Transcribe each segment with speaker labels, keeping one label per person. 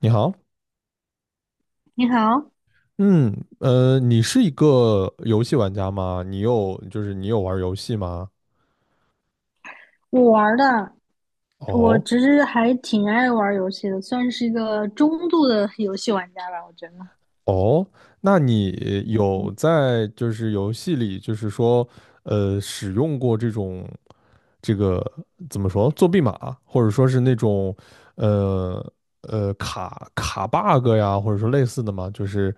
Speaker 1: 你好。
Speaker 2: 你好。
Speaker 1: 嗯，你是一个游戏玩家吗？你有，你有玩游戏吗？
Speaker 2: 我玩儿的。我
Speaker 1: 哦。
Speaker 2: 其实还挺爱玩儿游戏的，算是一个中度的游戏玩家吧，我觉得。
Speaker 1: 哦，那你有
Speaker 2: 嗯。
Speaker 1: 在游戏里，就是说，使用过这种这个怎么说作弊码，或者说是那种呃卡 bug 呀，或者说类似的吗？就是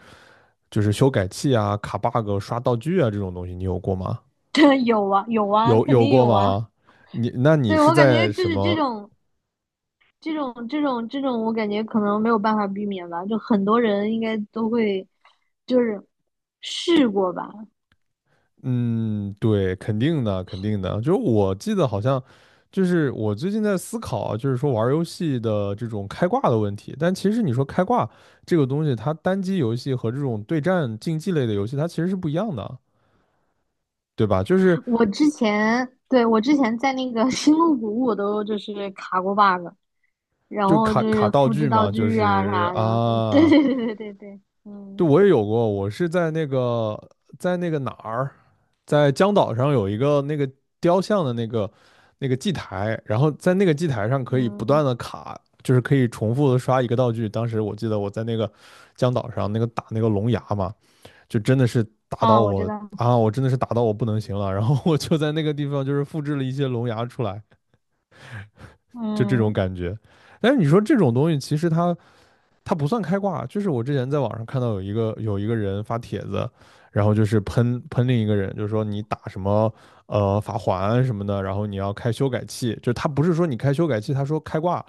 Speaker 1: 就是修改器啊、卡 bug、刷道具啊这种东西，你有过吗？
Speaker 2: 对，有啊，有啊，
Speaker 1: 有
Speaker 2: 肯
Speaker 1: 有
Speaker 2: 定
Speaker 1: 过
Speaker 2: 有啊。
Speaker 1: 吗？你那你
Speaker 2: 对，
Speaker 1: 是
Speaker 2: 我感觉
Speaker 1: 在
Speaker 2: 就
Speaker 1: 什
Speaker 2: 是这
Speaker 1: 么？
Speaker 2: 种、这种、这种、这种，我感觉可能没有办法避免吧，就很多人应该都会，就是试过吧。
Speaker 1: 嗯，对，肯定的，肯定的。就是我记得好像，就是我最近在思考啊，就是说玩儿游戏的这种开挂的问题。但其实你说开挂这个东西，它单机游戏和这种对战竞技类的游戏，它其实是不一样的，对吧？就是
Speaker 2: 我之前，对，我之前在那个 星露谷，我都就是卡过 bug,然
Speaker 1: 就
Speaker 2: 后
Speaker 1: 卡
Speaker 2: 就
Speaker 1: 卡
Speaker 2: 是
Speaker 1: 道
Speaker 2: 复制
Speaker 1: 具
Speaker 2: 道
Speaker 1: 嘛，就
Speaker 2: 具啊
Speaker 1: 是
Speaker 2: 啥的。对
Speaker 1: 啊。
Speaker 2: 对对对对对，
Speaker 1: 对，
Speaker 2: 嗯。
Speaker 1: 我也有过，我是在那个在那个哪儿，在江岛上有一个那个雕像的那个那个祭台，然后在那个祭台上可以不断
Speaker 2: 嗯，
Speaker 1: 的卡，就是可以重复的刷一个道具。当时我记得我在那个江岛上那个打那个龙牙嘛，就真的是打到
Speaker 2: 啊，我知
Speaker 1: 我
Speaker 2: 道。
Speaker 1: 啊，我真的是打到我不能行了，然后我就在那个地方就是复制了一些龙牙出来，就这种
Speaker 2: 嗯，
Speaker 1: 感觉。但是你说这种东西，其实它不算开挂，就是我之前在网上看到有一个人发帖子，然后就是喷另一个人，就是说你打什么法环什么的，然后你要开修改器，就他不是说你开修改器，他说开挂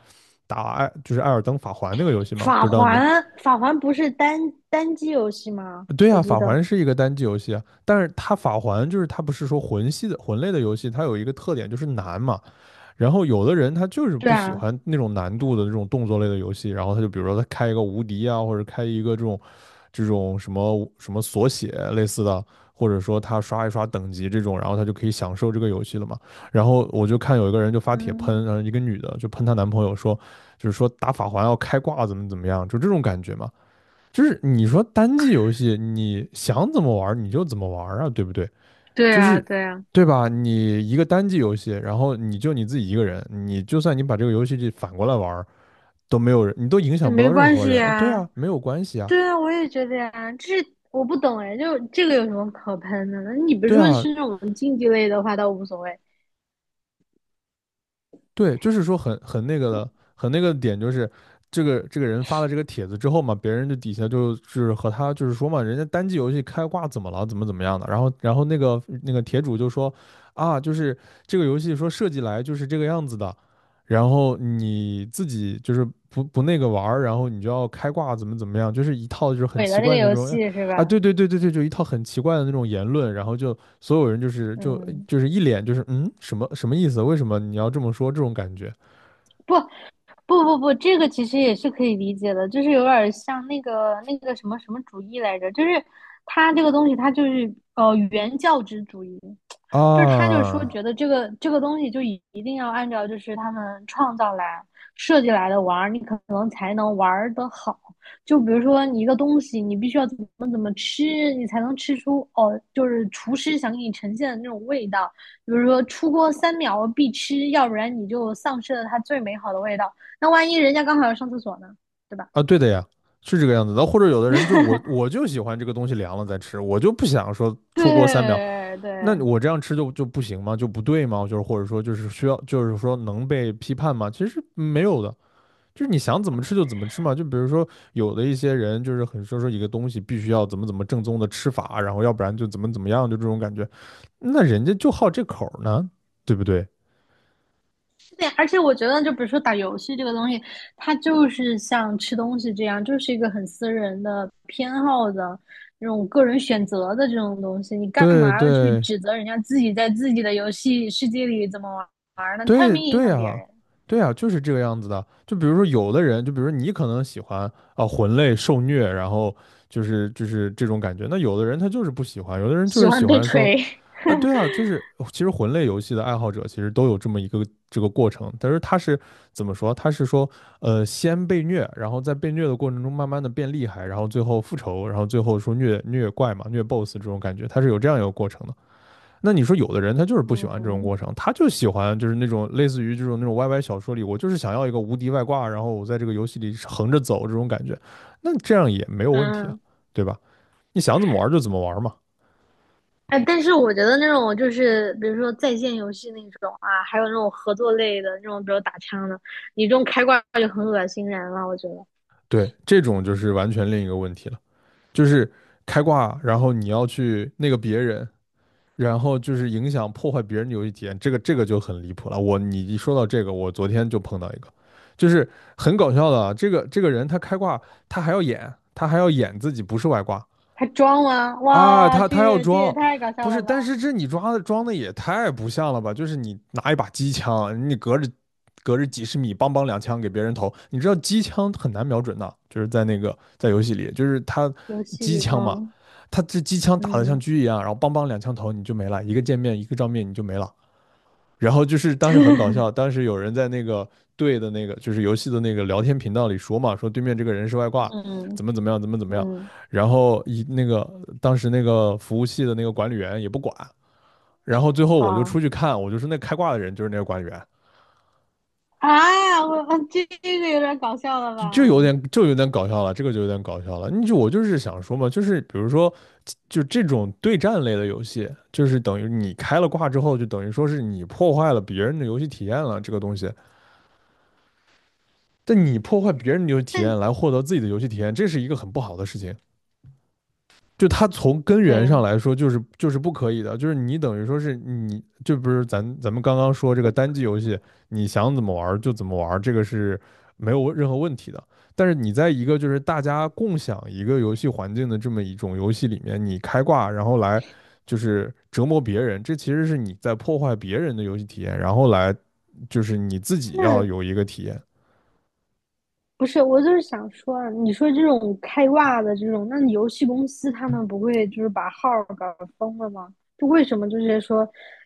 Speaker 1: 打艾就是艾尔登法环那个游戏嘛，
Speaker 2: 法
Speaker 1: 不知道你
Speaker 2: 环，法环不是单机游戏吗？
Speaker 1: 对呀。
Speaker 2: 我
Speaker 1: 啊，
Speaker 2: 记
Speaker 1: 法
Speaker 2: 得，
Speaker 1: 环是一个单机游戏啊，但是它法环就是它不是说魂系的魂类的游戏，它有一个特点就是难嘛，然后有的人他就是
Speaker 2: 对
Speaker 1: 不喜
Speaker 2: 啊。
Speaker 1: 欢那种难度的那种动作类的游戏，然后他就比如说他开一个无敌啊，或者开一个这种什么什么锁血类似的，或者说他刷一刷等级这种，然后他就可以享受这个游戏了嘛。然后我就看有一个人就发帖
Speaker 2: 嗯，
Speaker 1: 喷，然后一个女的就喷她男朋友说，就是说打法环要开挂怎么怎么样，就这种感觉嘛。就是你说单机游戏，你想怎么玩你就怎么玩啊，对不对？
Speaker 2: 对
Speaker 1: 就
Speaker 2: 啊，
Speaker 1: 是
Speaker 2: 对啊，
Speaker 1: 对吧？你一个单机游戏，然后你就你自己一个人，你就算你把这个游戏反过来玩儿，都没有人，你都影
Speaker 2: 那
Speaker 1: 响不
Speaker 2: 没
Speaker 1: 到任
Speaker 2: 关
Speaker 1: 何
Speaker 2: 系
Speaker 1: 人。对
Speaker 2: 呀，
Speaker 1: 啊，没有关系啊。
Speaker 2: 对啊，我也觉得呀。这我不懂哎，就这个有什么可喷的呢？你比如
Speaker 1: 对
Speaker 2: 说
Speaker 1: 啊。
Speaker 2: 是那种竞技类的话，倒无所谓。
Speaker 1: 对，就是说很很那个的，很那个的点就是这个这个人发了这个帖子之后嘛，别人就底下就是和他就是说嘛，人家单机游戏开挂怎么了，怎么怎么样的，然后那个帖主就说啊，就是这个游戏说设计来就是这个样子的，然后你自己就是不那个玩儿，然后你就要开挂怎么怎么样，就是一套就是很
Speaker 2: 毁
Speaker 1: 奇
Speaker 2: 了那个
Speaker 1: 怪的那
Speaker 2: 游
Speaker 1: 种。
Speaker 2: 戏是
Speaker 1: 啊，
Speaker 2: 吧？
Speaker 1: 对对对对对，就一套很奇怪的那种言论，然后就所有人就是就
Speaker 2: 嗯，
Speaker 1: 就是一脸就是什么什么意思？为什么你要这么说？这种感觉
Speaker 2: 不，不，这个其实也是可以理解的，就是有点儿像那个那个什么什么主义来着，就是他这个东西，他就是原教旨主义，就是他就是说
Speaker 1: 啊。
Speaker 2: 觉得这个这个东西就一定要按照就是他们创造来设计来的玩儿，你可能才能玩儿得好。就比如说你一个东西，你必须要怎么怎么吃，你才能吃出哦，就是厨师想给你呈现的那种味道。比如说出锅三秒必吃，要不然你就丧失了它最美好的味道。那万一人家刚好要上厕所呢，对吧？
Speaker 1: 啊，对的呀，是这个样子的。或者有的人就我就喜欢这个东西凉了再吃，我就不想说出锅三秒，
Speaker 2: 对
Speaker 1: 那
Speaker 2: 对，
Speaker 1: 我这样吃就不行吗？就不对吗？就是或者说就是需要就是说能被批判吗？其实没有的。就是你想怎么吃就怎么吃嘛。就比如说有的一些人就是很说一个东西必须要怎么怎么正宗的吃法，然后要不然就怎么怎么样，就这种感觉。那人家就好这口呢，对不对？
Speaker 2: 对，而且我觉得，就比如说打游戏这个东西，它就是像吃东西这样，就是一个很私人的偏好的那种个人选择的这种东西。你干
Speaker 1: 对
Speaker 2: 嘛要去
Speaker 1: 对
Speaker 2: 指责人家自己在自己的游戏世界里怎么玩儿呢？又
Speaker 1: 对。
Speaker 2: 没影
Speaker 1: 对
Speaker 2: 响别
Speaker 1: 啊，
Speaker 2: 人。
Speaker 1: 对啊，就是这个样子的。就比如说有的人，就比如说你可能喜欢啊魂类受虐，然后就是这种感觉。那有的人他就是不喜欢，有的人就
Speaker 2: 喜
Speaker 1: 是
Speaker 2: 欢
Speaker 1: 喜
Speaker 2: 被
Speaker 1: 欢说
Speaker 2: 锤。
Speaker 1: 啊。对啊，就是其实魂类游戏的爱好者其实都有这么一个这个过程，但是他是怎么说？他是说，先被虐，然后在被虐的过程中慢慢的变厉害，然后最后复仇，然后最后说虐虐怪嘛，虐 BOSS 这种感觉，他是有这样一个过程的。那你说有的人他就是 不喜欢这种
Speaker 2: 嗯
Speaker 1: 过程，他就喜欢就是那种类似于这种那种 YY 小说里，我就是想要一个无敌外挂，然后我在这个游戏里横着走这种感觉，那这样也没有问题啊，
Speaker 2: 嗯。
Speaker 1: 对吧？你想怎么玩就怎么玩嘛。
Speaker 2: 哎，但是我觉得那种就是比如说在线游戏那种啊，还有那种合作类的那种，比如打枪的，你这种开挂就很恶心人了。我觉得
Speaker 1: 对，这种就是完全另一个问题了。就是开挂，然后你要去那个别人，然后就是影响破坏别人的游戏体验，这个就很离谱了。我你一说到这个，我昨天就碰到一个，就是很搞笑的啊，这个人他开挂，他还要演，他还要演自己不是外挂。
Speaker 2: 他装吗？
Speaker 1: 啊，
Speaker 2: 哇，
Speaker 1: 他
Speaker 2: 这
Speaker 1: 他要
Speaker 2: 也这也
Speaker 1: 装，
Speaker 2: 太搞笑
Speaker 1: 不是，
Speaker 2: 了
Speaker 1: 但
Speaker 2: 吧！
Speaker 1: 是这你抓的装的也太不像了吧？就是你拿一把机枪，你隔着几十米，梆梆两枪给别人投。你知道机枪很难瞄准的，就是在那个在游戏里，就是他
Speaker 2: 游戏
Speaker 1: 机
Speaker 2: 里，
Speaker 1: 枪嘛，
Speaker 2: 嗯
Speaker 1: 他这机枪打的像
Speaker 2: 嗯。
Speaker 1: 狙一样，然后梆梆两枪头你就没了，一个见面一个照面你就没了。然后就是当时很搞 笑，当时有人在那个队的那个就是游戏的那个聊天频道里说嘛，说对面这个人是外挂，
Speaker 2: 嗯
Speaker 1: 怎么怎么样，怎么怎么样。
Speaker 2: 嗯，
Speaker 1: 然后一那个当时那个服务器的那个管理员也不管，然后最后我就
Speaker 2: 好。
Speaker 1: 出去看，我就说那开挂的人就是那个管理员。
Speaker 2: 啊，我这个有点搞笑了
Speaker 1: 就有
Speaker 2: 吧？
Speaker 1: 点有点搞笑了，这个就有点搞笑了。你就我就是想说嘛，就是比如说就这种对战类的游戏，就是等于你开了挂之后，就等于说是你破坏了别人的游戏体验了，这个东西。但你破坏别人的游戏体验
Speaker 2: 但
Speaker 1: 来获得自己的游戏体验，这是一个很不好的事情。就它从根源上
Speaker 2: 对。
Speaker 1: 来说，就是不可以的。就是你等于说是你，就不是咱们刚刚说这个单机游戏，你想怎么玩就怎么玩这个是没有任何问题的。但是你在一个就是大家共享一个游戏环境的这么一种游戏里面，你开挂然后来就是折磨别人，这其实是你在破坏别人的游戏体验，然后来就是你自己要有一个体验。
Speaker 2: 不是，我就是想说啊你说这种开挂的这种，那你游戏公司他们不会就是把号儿搞封了吗？就为什么就是说，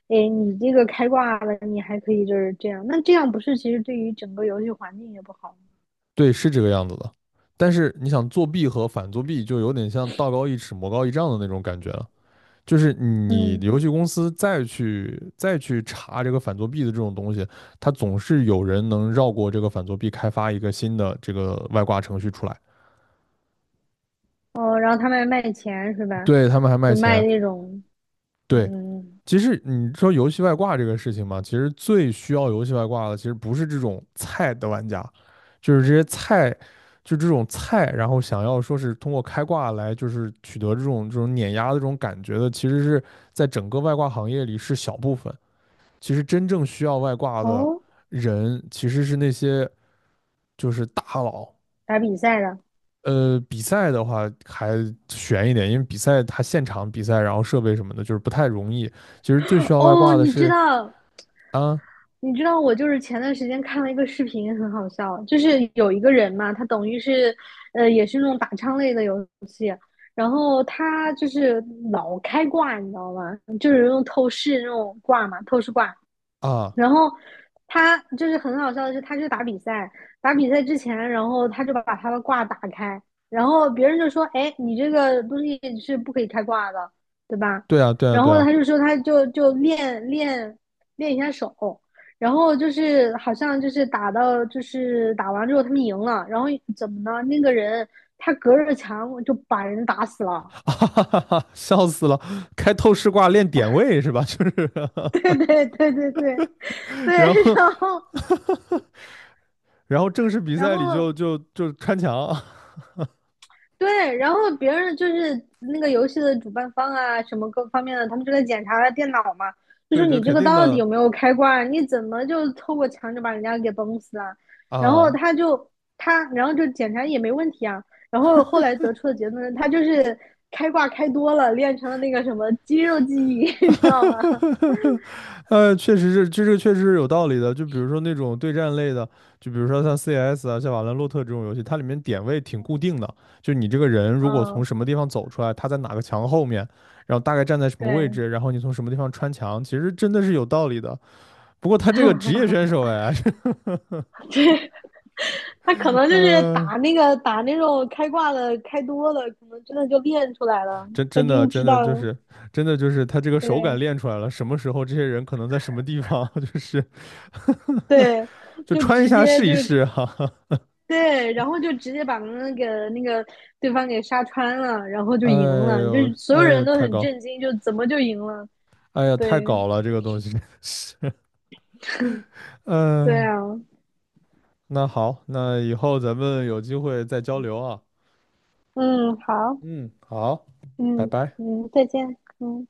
Speaker 2: 哎，你这个开挂了，你还可以就是这样，那这样不是其实对于整个游戏环境也不好吗。
Speaker 1: 对，是这个样子的。但是你想作弊和反作弊，就有点像道高一尺，魔高一丈的那种感觉了。就是你
Speaker 2: 嗯。
Speaker 1: 游戏公司再去查这个反作弊的这种东西，它总是有人能绕过这个反作弊，开发一个新的这个外挂程序出来。
Speaker 2: 哦，然后他们还卖钱是吧？
Speaker 1: 对，他们还
Speaker 2: 就
Speaker 1: 卖
Speaker 2: 卖
Speaker 1: 钱。
Speaker 2: 那种。
Speaker 1: 对，
Speaker 2: 嗯。
Speaker 1: 其实你说游戏外挂这个事情嘛，其实最需要游戏外挂的，其实不是这种菜的玩家，就是这些菜，就这种菜，然后想要说是通过开挂来就是取得这种碾压的这种感觉的，其实是在整个外挂行业里是小部分。其实真正需要外挂的
Speaker 2: 哦，
Speaker 1: 人，其实是那些就是大佬。
Speaker 2: 打比赛的。
Speaker 1: 比赛的话还悬一点，因为比赛它现场比赛，然后设备什么的，就是不太容易。其实最需要外
Speaker 2: 哦，
Speaker 1: 挂的
Speaker 2: 你知
Speaker 1: 是
Speaker 2: 道，
Speaker 1: 啊。
Speaker 2: 你知道我就是前段时间看了一个视频，很好笑，就是有一个人嘛，他等于是，也是那种打枪类的游戏，然后他就是老开挂，你知道吗？就是用透视那种挂嘛，透视挂，
Speaker 1: 啊，
Speaker 2: 然后他就是很好笑的是，他去打比赛，打比赛之前，然后他就把他的挂打开，然后别人就说：“哎，你这个东西是不可以开挂的，对吧？”
Speaker 1: 对啊，对啊，
Speaker 2: 然
Speaker 1: 对
Speaker 2: 后
Speaker 1: 啊。
Speaker 2: 他就说他就就练一下手，然后就是好像就是打到就是打完之后他们赢了，然后怎么呢？那个人他隔着墙就把人打死 了。
Speaker 1: 哈哈哈哈，笑死了！开透视挂练点位是吧？就是，
Speaker 2: 对对对对对
Speaker 1: 然
Speaker 2: 对，
Speaker 1: 后，
Speaker 2: 然后
Speaker 1: 然后正式比
Speaker 2: 然
Speaker 1: 赛里
Speaker 2: 后
Speaker 1: 就穿墙。
Speaker 2: 对，然后别人就是那个游戏的主办方啊，什么各方面的，他们就在检查他电脑嘛，就说
Speaker 1: 对对，
Speaker 2: 你这
Speaker 1: 肯
Speaker 2: 个
Speaker 1: 定
Speaker 2: 到底
Speaker 1: 的
Speaker 2: 有没有开挂啊，你怎么就透过墙就把人家给崩死啊？然后
Speaker 1: 啊。
Speaker 2: 他就他，然后就检查也没问题啊。然后后来得出的结论，他就是开挂开多了，练成了那个什么肌肉记忆，你知道吗？
Speaker 1: 确实是，这个确实是有道理的。就比如说那种对战类的，就比如说像 CS 啊，像瓦兰洛特这种游戏，它里面点位挺固定的，就你这个人如果从
Speaker 2: 嗯，
Speaker 1: 什么地方走出来，他在哪个墙后面，然后大概站在什么位
Speaker 2: 对。
Speaker 1: 置，然后你从什么地方穿墙，其实真的是有道理的。不过他这个职业选 手哎。
Speaker 2: 对，他可能就是
Speaker 1: 嗯，
Speaker 2: 打那个打那种开挂的开多了，可能真的就练出来了，他真
Speaker 1: 真
Speaker 2: 知
Speaker 1: 的
Speaker 2: 道
Speaker 1: 就是他这个手感
Speaker 2: 对
Speaker 1: 练出来了，什么时候这些人可能在什么地方，就是
Speaker 2: 对，
Speaker 1: 就
Speaker 2: 就
Speaker 1: 穿一
Speaker 2: 直
Speaker 1: 下
Speaker 2: 接
Speaker 1: 试
Speaker 2: 就
Speaker 1: 一
Speaker 2: 是
Speaker 1: 试哈哈。
Speaker 2: 对，然后就直接把那个那个对方给杀穿了，然后就
Speaker 1: 哎
Speaker 2: 赢了，就
Speaker 1: 呦
Speaker 2: 是所
Speaker 1: 哎
Speaker 2: 有人
Speaker 1: 呦，
Speaker 2: 都
Speaker 1: 太
Speaker 2: 很
Speaker 1: 高，
Speaker 2: 震惊，就怎么就赢了？
Speaker 1: 哎呀太
Speaker 2: 对
Speaker 1: 搞了这个东西
Speaker 2: 对
Speaker 1: 嗯、
Speaker 2: 啊。
Speaker 1: 那好，那以后咱们有机会再交流啊。
Speaker 2: 嗯，好。
Speaker 1: 嗯，好。拜
Speaker 2: 嗯
Speaker 1: 拜。
Speaker 2: 嗯，再见。嗯。